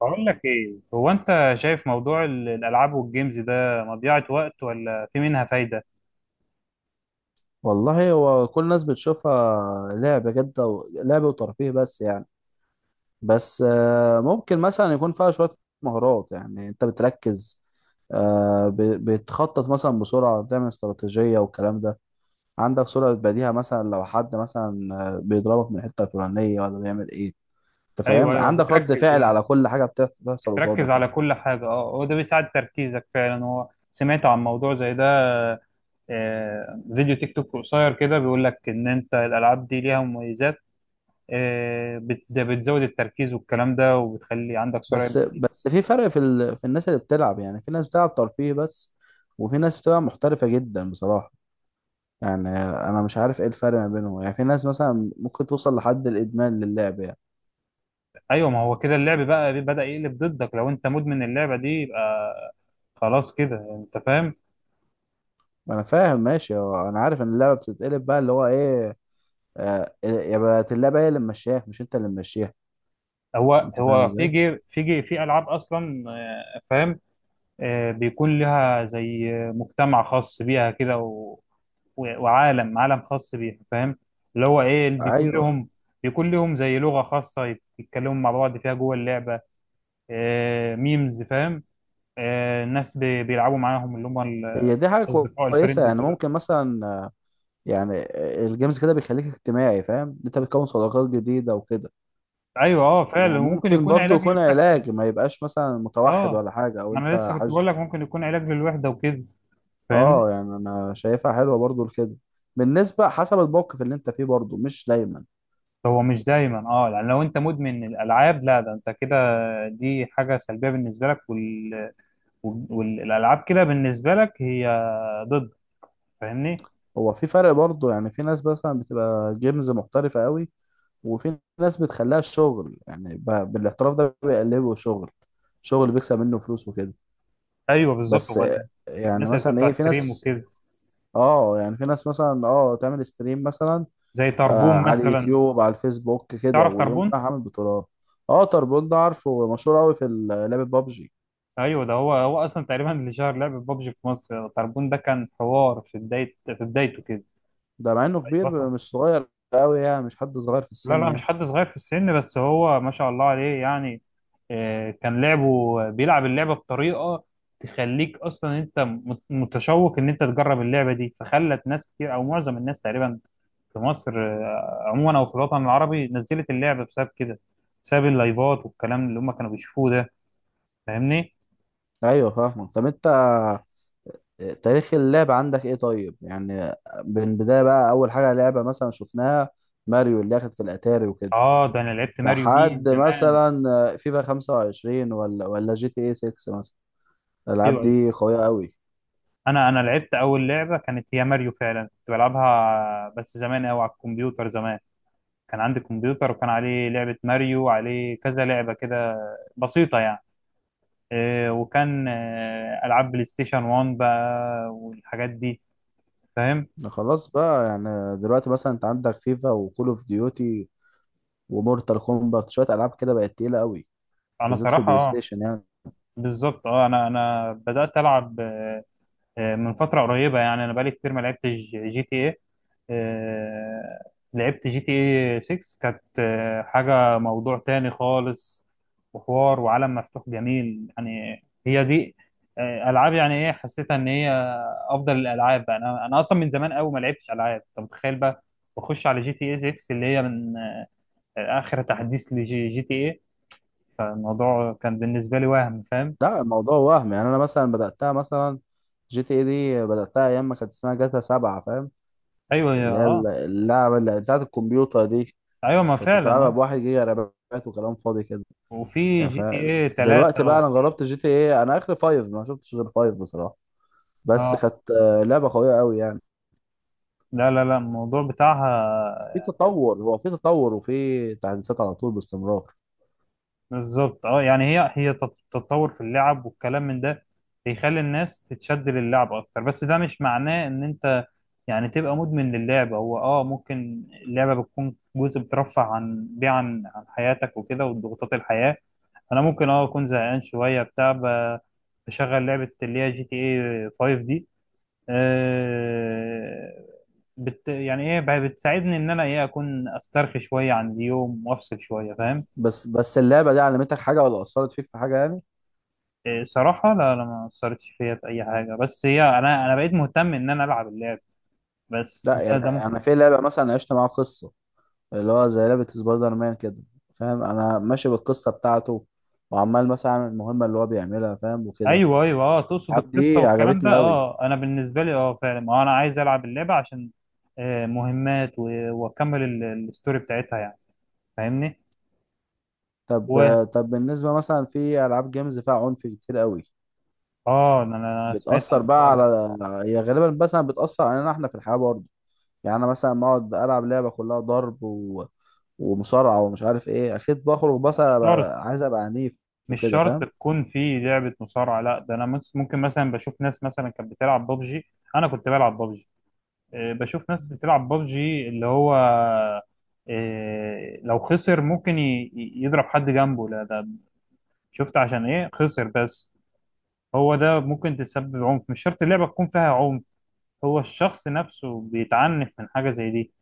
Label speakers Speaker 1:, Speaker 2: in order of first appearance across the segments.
Speaker 1: بقول لك ايه؟ هو انت شايف موضوع الالعاب والجيمز ده مضيعة وقت ولا في منها فايدة؟
Speaker 2: والله هو كل الناس بتشوفها لعبة جد لعبة وترفيه بس يعني. بس ممكن مثلا يكون فيها شوية مهارات، يعني انت بتركز، بتخطط مثلا بسرعة، بتعمل استراتيجية والكلام ده. عندك سرعة بديهة، مثلا لو حد مثلا بيضربك من الحتة الفلانية ولا بيعمل ايه. انت
Speaker 1: ايوه
Speaker 2: فاهم،
Speaker 1: ايوه،
Speaker 2: عندك رد
Speaker 1: بتركز
Speaker 2: فعل
Speaker 1: يعني،
Speaker 2: على كل حاجة بتحصل
Speaker 1: بتركز
Speaker 2: قصادك
Speaker 1: على
Speaker 2: يعني.
Speaker 1: كل حاجة. اه، هو ده بيساعد تركيزك فعلا. هو سمعت عن موضوع زي ده؟ فيديو تيك توك قصير كده بيقول لك ان انت الالعاب دي ليها مميزات. بتزود التركيز والكلام ده، وبتخلي عندك سرعة
Speaker 2: بس
Speaker 1: بديهة.
Speaker 2: بس في فرق في في الناس اللي بتلعب. يعني في ناس بتلعب ترفيه بس، وفي ناس بتبقى محترفة جدا بصراحة. يعني انا مش عارف ايه الفرق ما بينهم، يعني في ناس مثلا ممكن توصل لحد الادمان للعب يعني.
Speaker 1: ايوه، ما هو كده اللعب بقى بدأ يقلب ضدك. لو انت مدمن اللعبة دي يبقى خلاص كده، انت فاهم.
Speaker 2: انا فاهم ماشي، هو انا عارف ان اللعبه بتتقلب بقى اللي هو ايه، آه، يا بقت اللعبه هي اللي ممشياك مش انت اللي ممشيها.
Speaker 1: هو
Speaker 2: انت فاهم
Speaker 1: هو في
Speaker 2: ازاي.
Speaker 1: جي في جي في العاب اصلا. فاهم، بيكون لها زي مجتمع خاص بيها كده، وعالم خاص بيها، فاهم؟ اللي هو ايه اللي بيكون
Speaker 2: ايوه،
Speaker 1: لهم، بيكون لهم زي لغة خاصة يتكلموا مع بعض فيها جوه اللعبة. آه، ميمز، فاهم. آه، الناس بيلعبوا معاهم، اللي هم
Speaker 2: هي دي حاجه
Speaker 1: الاصدقاء، الفريند
Speaker 2: كويسه، يعني
Speaker 1: وكده.
Speaker 2: ممكن مثلا يعني الجيمز كده بيخليك اجتماعي، فاهم، انت بتكون صداقات جديده وكده.
Speaker 1: ايوه اه، فعلا ممكن
Speaker 2: وممكن
Speaker 1: يكون
Speaker 2: برضو
Speaker 1: علاج
Speaker 2: يكون
Speaker 1: للوحدة.
Speaker 2: علاج، ما يبقاش مثلا متوحد
Speaker 1: اه،
Speaker 2: ولا حاجه، او
Speaker 1: ما انا
Speaker 2: انت
Speaker 1: لسه كنت بقول
Speaker 2: حاج.
Speaker 1: لك ممكن يكون علاج للوحدة وكده، فاهمني؟
Speaker 2: اه يعني انا شايفها حلوه برضو لكده، بالنسبه حسب الموقف اللي انت فيه، برضو مش دايما.
Speaker 1: هو مش دايما اه، يعني لو انت مدمن الالعاب لا، ده انت كده دي حاجه سلبيه بالنسبه لك، والالعاب كده بالنسبه لك هي ضد، فاهمني؟
Speaker 2: هو في فرق برضو، يعني في ناس مثلا بتبقى جيمز محترفه قوي، وفي ناس بتخليها شغل، يعني بالاحتراف ده بيقلبه شغل، شغل بيكسب منه فلوس وكده.
Speaker 1: ايوه بالظبط.
Speaker 2: بس
Speaker 1: هو
Speaker 2: يعني
Speaker 1: الناس اللي
Speaker 2: مثلا
Speaker 1: بتطلع
Speaker 2: ايه، في
Speaker 1: ستريم
Speaker 2: ناس،
Speaker 1: وكده،
Speaker 2: اه يعني في ناس مثلا اه تعمل ستريم مثلا،
Speaker 1: زي
Speaker 2: آه،
Speaker 1: تربون
Speaker 2: على
Speaker 1: مثلا.
Speaker 2: اليوتيوب على الفيسبوك كده،
Speaker 1: تعرف
Speaker 2: ويقوم
Speaker 1: تربون؟
Speaker 2: رايح عامل بطولات. اه تربون ده، عارفه، مشهور قوي في لعبه بابجي.
Speaker 1: ايوه، ده هو هو اصلا تقريبا اللي شهر لعبه ببجي في مصر. تربون ده كان حوار في بدايه في بدايته
Speaker 2: ده مع انه كبير
Speaker 1: كده.
Speaker 2: مش صغير قوي يعني، مش حد صغير في
Speaker 1: لا
Speaker 2: السن
Speaker 1: لا، مش
Speaker 2: يعني.
Speaker 1: حد صغير في السن، بس هو ما شاء الله عليه يعني. كان لعبه بيلعب اللعبة بطريقة تخليك أصلا أنت متشوق إن أنت تجرب اللعبة دي، فخلت ناس كتير أو معظم الناس تقريبا في مصر عموما، أو في الوطن العربي نزلت اللعبة بسبب كده، بسبب اللايفات والكلام اللي هم كانوا بيشوفوه ده، فاهمني؟
Speaker 2: ايوه فاهمك. طب انت تاريخ اللعب عندك ايه طيب، يعني من بداية بقى، اول حاجة لعبة مثلا شفناها ماريو اللي اخد في الاتاري وكده،
Speaker 1: آه، ده أنا لعبت ماريو دي
Speaker 2: لحد
Speaker 1: زمان.
Speaker 2: مثلا فيفا 25 ولا جي تي اي 6 مثلا.
Speaker 1: أيوه
Speaker 2: الالعاب
Speaker 1: أيوه،
Speaker 2: دي قوية قوي.
Speaker 1: أنا لعبت أول لعبة كانت هي ماريو فعلا، كنت بلعبها بس زمان أوي على الكمبيوتر زمان. كان عندي كمبيوتر وكان عليه لعبة ماريو وعليه كذا لعبة كده بسيطة يعني. إيه، وكان ألعاب بلاي ستيشن 1 بقى والحاجات دي، فاهم.
Speaker 2: خلاص بقى، يعني دلوقتي مثلا انت عندك فيفا وكول اوف ديوتي ومورتال كومباكت، شوية العاب كده بقت تقيلة قوي،
Speaker 1: أنا
Speaker 2: بالذات في
Speaker 1: صراحة
Speaker 2: البلاي
Speaker 1: اه،
Speaker 2: ستيشن يعني.
Speaker 1: بالظبط اه، أنا بدأت ألعب من فترة قريبة يعني. أنا بقالي كتير ما لعبتش جي تي إيه. لعبت جي تي إيه 6 كانت حاجة موضوع تاني خالص، وحوار وعالم مفتوح جميل يعني. هي دي ألعاب يعني، إيه حسيتها إن هي أفضل الألعاب بقى. أنا أصلا من زمان أوي ما لعبتش ألعاب، أنت متخيل بقى. بخش على جي تي إيه 6 اللي هي من آخر تحديث لجي تي إيه. فالموضوع كان بالنسبة لي وهم، فاهم.
Speaker 2: لا الموضوع وهم، يعني انا مثلا بداتها مثلا جي تي اي دي، بداتها ايام ما كانت اسمها جاتا سبعة، فاهم،
Speaker 1: أيوه،
Speaker 2: اللي هي
Speaker 1: أه.
Speaker 2: اللعبه اللي بتاعت الكمبيوتر دي،
Speaker 1: أيوه، ما
Speaker 2: كنت
Speaker 1: فعلا
Speaker 2: بتلعبها بواحد جيجا رامات وكلام فاضي كده
Speaker 1: وفي
Speaker 2: يعني.
Speaker 1: جي
Speaker 2: ف
Speaker 1: تي ايه
Speaker 2: دلوقتي
Speaker 1: 3
Speaker 2: بقى انا
Speaker 1: وفي
Speaker 2: جربت جي تي اي، انا اخر فايف، ما شفتش غير فايف بصراحه، بس
Speaker 1: اه.
Speaker 2: كانت لعبه قويه قوي يعني.
Speaker 1: لا لا لا، الموضوع بتاعها
Speaker 2: في تطور، هو في تطور وفي تحديثات على طول باستمرار.
Speaker 1: بالظبط اه. يعني هي هي تتطور في اللعب والكلام من ده، بيخلي الناس تتشد للعب اكتر. بس ده مش معناه ان انت يعني تبقى مدمن للعبة. هو اه، ممكن اللعبة بتكون جزء بترفع عن بيه، عن حياتك وكده وضغوطات الحياة. انا ممكن اه اكون زهقان شوية بتاع، بشغل لعبة اللي هي جي تي ايه 5 دي. آه، بت يعني ايه، بتساعدني ان انا ايه اكون استرخي شويه عن اليوم وافصل شويه، فاهم.
Speaker 2: بس اللعبه دي علمتك حاجه، ولا اثرت فيك في حاجه يعني.
Speaker 1: إيه صراحه لا لا، ما اثرتش فيا في اي حاجه. بس هي انا بقيت مهتم ان انا العب اللعب بس.
Speaker 2: لا يعني انا في لعبه مثلا عشت معاها قصه، اللي هو زي لعبة سبايدر مان كده، فاهم، انا ماشي بالقصة بتاعته، وعمال مثلا اعمل المهمة اللي هو بيعملها، فاهم وكده.
Speaker 1: ايوه ايوه اه، تقصد
Speaker 2: الألعاب
Speaker 1: القصه
Speaker 2: دي
Speaker 1: والكلام ده.
Speaker 2: عجبتني قوي.
Speaker 1: اه، انا بالنسبه لي اه فعلا ما انا عايز العب اللعبه عشان مهمات واكمل الستوري بتاعتها يعني، فاهمني.
Speaker 2: طب
Speaker 1: و
Speaker 2: طب بالنسبة مثلا في ألعاب جيمز فيها عنف كتير قوي،
Speaker 1: اه، انا أنا سمعت عن
Speaker 2: بتأثر بقى
Speaker 1: الحوار ده.
Speaker 2: على، هي غالبا مثلا بتأثر علينا احنا في الحياة برضه. يعني انا مثلا ما اقعد ألعب لعبة كلها ضرب ومصارعة ومش عارف ايه، اكيد بخرج بس
Speaker 1: مش شرط،
Speaker 2: عايز ابقى عنيف
Speaker 1: مش
Speaker 2: وكده،
Speaker 1: شرط
Speaker 2: فاهم.
Speaker 1: تكون في لعبة مصارعة. لا ده انا ممكن مثلا بشوف ناس مثلا كانت بتلعب بابجي، انا كنت بلعب بابجي. بشوف ناس بتلعب بابجي اللي هو لو خسر ممكن يضرب حد جنبه. لا ده شفت عشان ايه خسر بس. هو ده ممكن تسبب عنف، مش شرط اللعبة تكون فيها عنف، هو الشخص نفسه بيتعنف من حاجة زي دي،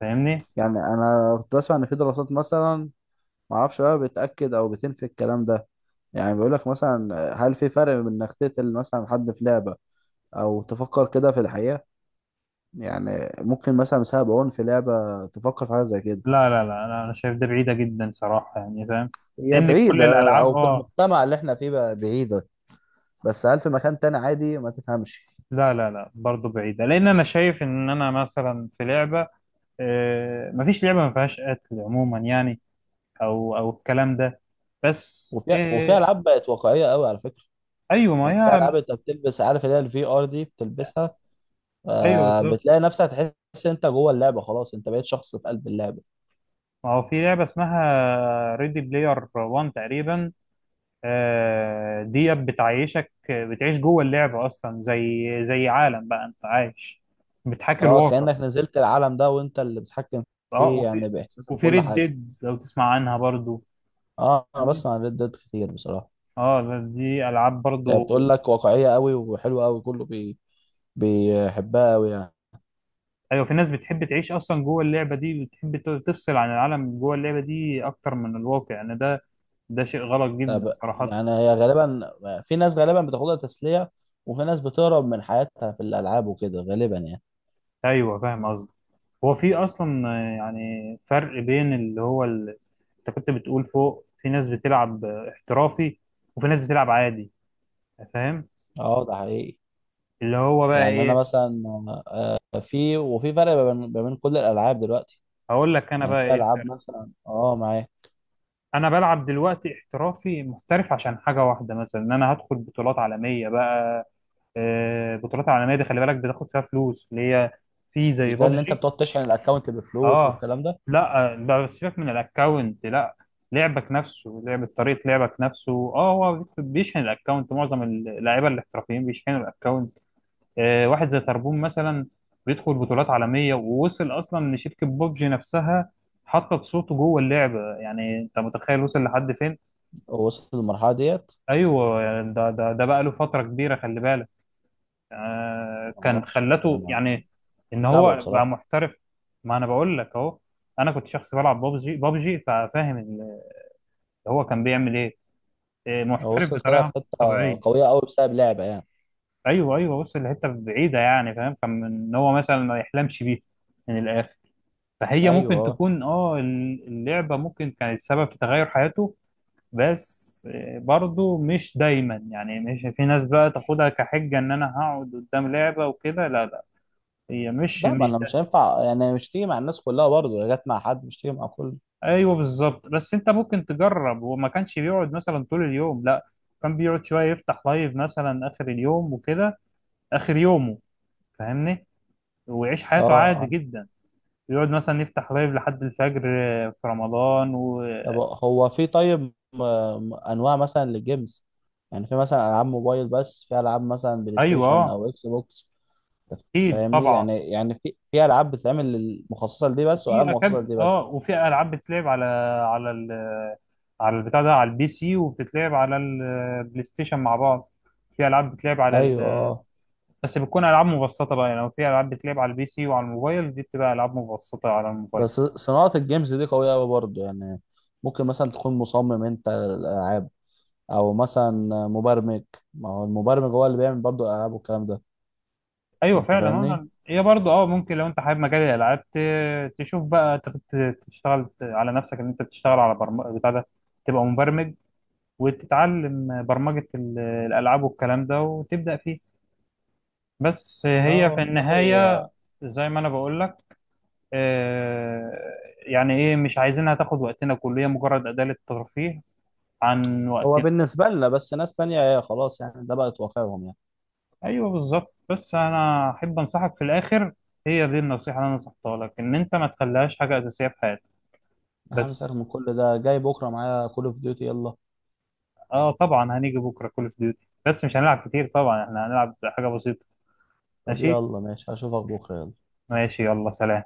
Speaker 1: فاهمني.
Speaker 2: يعني انا كنت بسمع ان في دراسات مثلا، معرفش بقى بتأكد أو بتنفي الكلام ده. يعني بيقولك مثلا هل في فرق بين إنك تقتل مثلا حد في لعبة أو تفكر كده في الحقيقة. يعني ممكن مثلا بسبب عنف في لعبة تفكر في حاجة زي كده.
Speaker 1: لا لا لا، انا أنا شايف ده بعيدة جدا صراحة يعني، فاهم.
Speaker 2: هي
Speaker 1: لان كل
Speaker 2: بعيدة، أو
Speaker 1: الالعاب
Speaker 2: في
Speaker 1: اه،
Speaker 2: المجتمع اللي إحنا فيه بقى بعيدة، بس هل في مكان تاني عادي ما تفهمش.
Speaker 1: لا لا لا برضه بعيدة. لأن أنا شايف إن أنا مثلا في لعبة مفيش لعبة ما فيهاش قتل عموما يعني، أو الكلام ده بس
Speaker 2: وفي ألعاب بقت واقعية قوي على فكرة.
Speaker 1: أيوه ما
Speaker 2: يعني في
Speaker 1: هي.
Speaker 2: ألعاب أنت بتلبس، عارف اللي هي الفي آر دي بتلبسها،
Speaker 1: أيوه
Speaker 2: آه،
Speaker 1: بالظبط،
Speaker 2: بتلاقي نفسك تحس أنت جوه اللعبة، خلاص أنت بقيت شخص في قلب اللعبة.
Speaker 1: ما هو في لعبة اسمها ريدي بلاير 1 تقريبا. دي بتعيشك، بتعيش جوه اللعبة أصلا زي زي عالم بقى أنت عايش، بتحاكي
Speaker 2: اه
Speaker 1: الواقع.
Speaker 2: كأنك نزلت العالم ده وانت اللي بتتحكم
Speaker 1: أه،
Speaker 2: فيه
Speaker 1: وفي
Speaker 2: يعني، باحساسك وكل
Speaker 1: ريد
Speaker 2: حاجه.
Speaker 1: ديد لو تسمع عنها برضه.
Speaker 2: اه انا بسمع عن ريد ديد كتير بصراحه.
Speaker 1: اه، دي العاب برضو.
Speaker 2: هي بتقول لك واقعيه قوي وحلوه قوي، كله بيحبها قوي يعني.
Speaker 1: ايوه، في ناس بتحب تعيش اصلا جوه اللعبه دي، بتحب تفصل عن العالم جوه اللعبه دي اكتر من الواقع. يعني ده ده شيء غلط جدا
Speaker 2: طب
Speaker 1: صراحه.
Speaker 2: يعني هي غالبا في ناس غالبا بتاخدها تسليه، وفي ناس بتهرب من حياتها في الالعاب وكده غالبا يعني.
Speaker 1: ايوه، فاهم قصدي. هو في اصلا يعني فرق بين اللي هو انت كنت بتقول فوق في ناس بتلعب احترافي، وفي ناس بتلعب عادي، فاهم.
Speaker 2: اه ده حقيقي.
Speaker 1: اللي هو بقى
Speaker 2: يعني انا
Speaker 1: ايه،
Speaker 2: مثلا في فرق ما بين كل الالعاب دلوقتي،
Speaker 1: هقول لك انا
Speaker 2: يعني
Speaker 1: بقى
Speaker 2: في
Speaker 1: ايه
Speaker 2: العاب
Speaker 1: الفرق.
Speaker 2: مثلا اه معايا.
Speaker 1: انا بلعب دلوقتي احترافي محترف عشان حاجه واحده، مثلا ان انا هدخل بطولات عالميه بقى. بطولات عالميه دي خلي بالك بتاخد فيها فلوس، اللي هي في زي
Speaker 2: مش ده اللي انت
Speaker 1: بابجي.
Speaker 2: بتقعد تشحن الاكونت بفلوس
Speaker 1: اه
Speaker 2: والكلام ده.
Speaker 1: لا، بقى سيبك من الاكونت، لا لعبك نفسه، لعبة طريقة لعبك نفسه. اه هو بيشحن الاكونت، معظم اللعيبة الاحترافيين بيشحنوا الاكونت. واحد زي تربون مثلا، بيدخل بطولات عالمية، ووصل اصلا ان شركة بوبجي نفسها حطت صوته جوه اللعبة. يعني انت متخيل وصل لحد فين؟
Speaker 2: هو وصل للمرحلة ديت،
Speaker 1: ايوه يعني ده ده بقى له فترة كبيرة خلي بالك. كان
Speaker 2: معرفش
Speaker 1: خلته
Speaker 2: أنا
Speaker 1: يعني ان
Speaker 2: متابعه
Speaker 1: هو بقى
Speaker 2: بصراحة.
Speaker 1: محترف. ما انا بقول لك اهو، انا كنت شخص بلعب بابجي ففاهم هو كان بيعمل ايه،
Speaker 2: هو
Speaker 1: محترف
Speaker 2: وصل كده في
Speaker 1: بطريقه مش
Speaker 2: حتة
Speaker 1: طبيعيه.
Speaker 2: قوية أوي بسبب لعبة يعني.
Speaker 1: ايوه ايوه، بص الحته بعيده يعني فاهم، كان ان هو مثلا ما يحلمش بيه من الاخر. فهي
Speaker 2: أيوه
Speaker 1: ممكن
Speaker 2: أه.
Speaker 1: تكون اه اللعبه ممكن كانت سبب في تغير حياته. بس برضه مش دايما يعني، مش في ناس بقى تاخدها كحجه ان انا هقعد قدام لعبه وكده، لا لا، هي مش
Speaker 2: لا ما
Speaker 1: مش.
Speaker 2: أنا مش هينفع يعني، مش تيجي مع الناس كلها برضه، هي جت مع حد مش تيجي مع كل.
Speaker 1: ايوه بالظبط، بس انت ممكن تجرب. وما كانش بيقعد مثلا طول اليوم لا، كان بيقعد شويه يفتح لايف مثلا اخر اليوم وكده، اخر يومه، فاهمني، ويعيش حياته
Speaker 2: أه
Speaker 1: عادي
Speaker 2: عن-
Speaker 1: جدا. يقعد مثلا يفتح لايف لحد الفجر في رمضان
Speaker 2: طب هو في طيب أنواع مثلا للجيمز، يعني في مثلا ألعاب موبايل بس، في ألعاب مثلا بلاي
Speaker 1: ايوه
Speaker 2: ستيشن أو إكس بوكس،
Speaker 1: اكيد
Speaker 2: فاهمني،
Speaker 1: طبعا.
Speaker 2: يعني يعني في ألعاب بتتعمل مخصصة لدي بس، وألعاب مخصصة لدي
Speaker 1: اه،
Speaker 2: بس.
Speaker 1: وفي العاب بتتلعب على على على البتاع ده، على البي سي، وبتتلعب على البلاي ستيشن مع بعض. في العاب بتتلعب على،
Speaker 2: أيوه.
Speaker 1: بس بتكون العاب مبسطه بقى يعني. لو في العاب بتلعب على البي سي وعلى الموبايل، دي بتبقى العاب مبسطه على الموبايل.
Speaker 2: بس صناعة الجيمز دي قوية أوي برضه يعني، ممكن مثلا تكون مصمم أنت الألعاب، أو مثلا مبرمج. ما هو المبرمج هو اللي بيعمل برضه الألعاب والكلام ده.
Speaker 1: ايوه
Speaker 2: أنت
Speaker 1: فعلا
Speaker 2: فاهمني؟
Speaker 1: يعني هي برضه اه ممكن لو انت حابب مجال الالعاب تشوف بقى تشتغل على نفسك ان انت بتشتغل على برمجه بتاع ده، تبقى مبرمج، وتتعلم برمجه الالعاب والكلام ده وتبدا فيه. بس هي في
Speaker 2: اه والله.
Speaker 1: النهايه، زي ما انا بقول لك آه، يعني ايه، مش عايزينها تاخد وقتنا كله، هي مجرد اداه للترفيه عن
Speaker 2: هو
Speaker 1: وقتنا.
Speaker 2: بالنسبة لنا بس، ناس تانية هي خلاص يعني، ده بقت واقعهم يعني.
Speaker 1: ايوه بالظبط، بس انا احب انصحك في الاخر، هي دي النصيحه اللي انا نصحتها لك، ان انت ما تخليهاش حاجه اساسيه في حياتك.
Speaker 2: أنا مساك
Speaker 1: بس
Speaker 2: من كل ده، جاي بكرة معايا كول أوف ديوتي، يلا.
Speaker 1: اه طبعا، هنيجي بكره كول اوف ديوتي، بس مش هنلعب كتير طبعا، احنا هنلعب حاجه بسيطه.
Speaker 2: طب
Speaker 1: ماشي
Speaker 2: يلا ماشي هشوفك بكرة، يلا.
Speaker 1: ماشي، يلا سلام.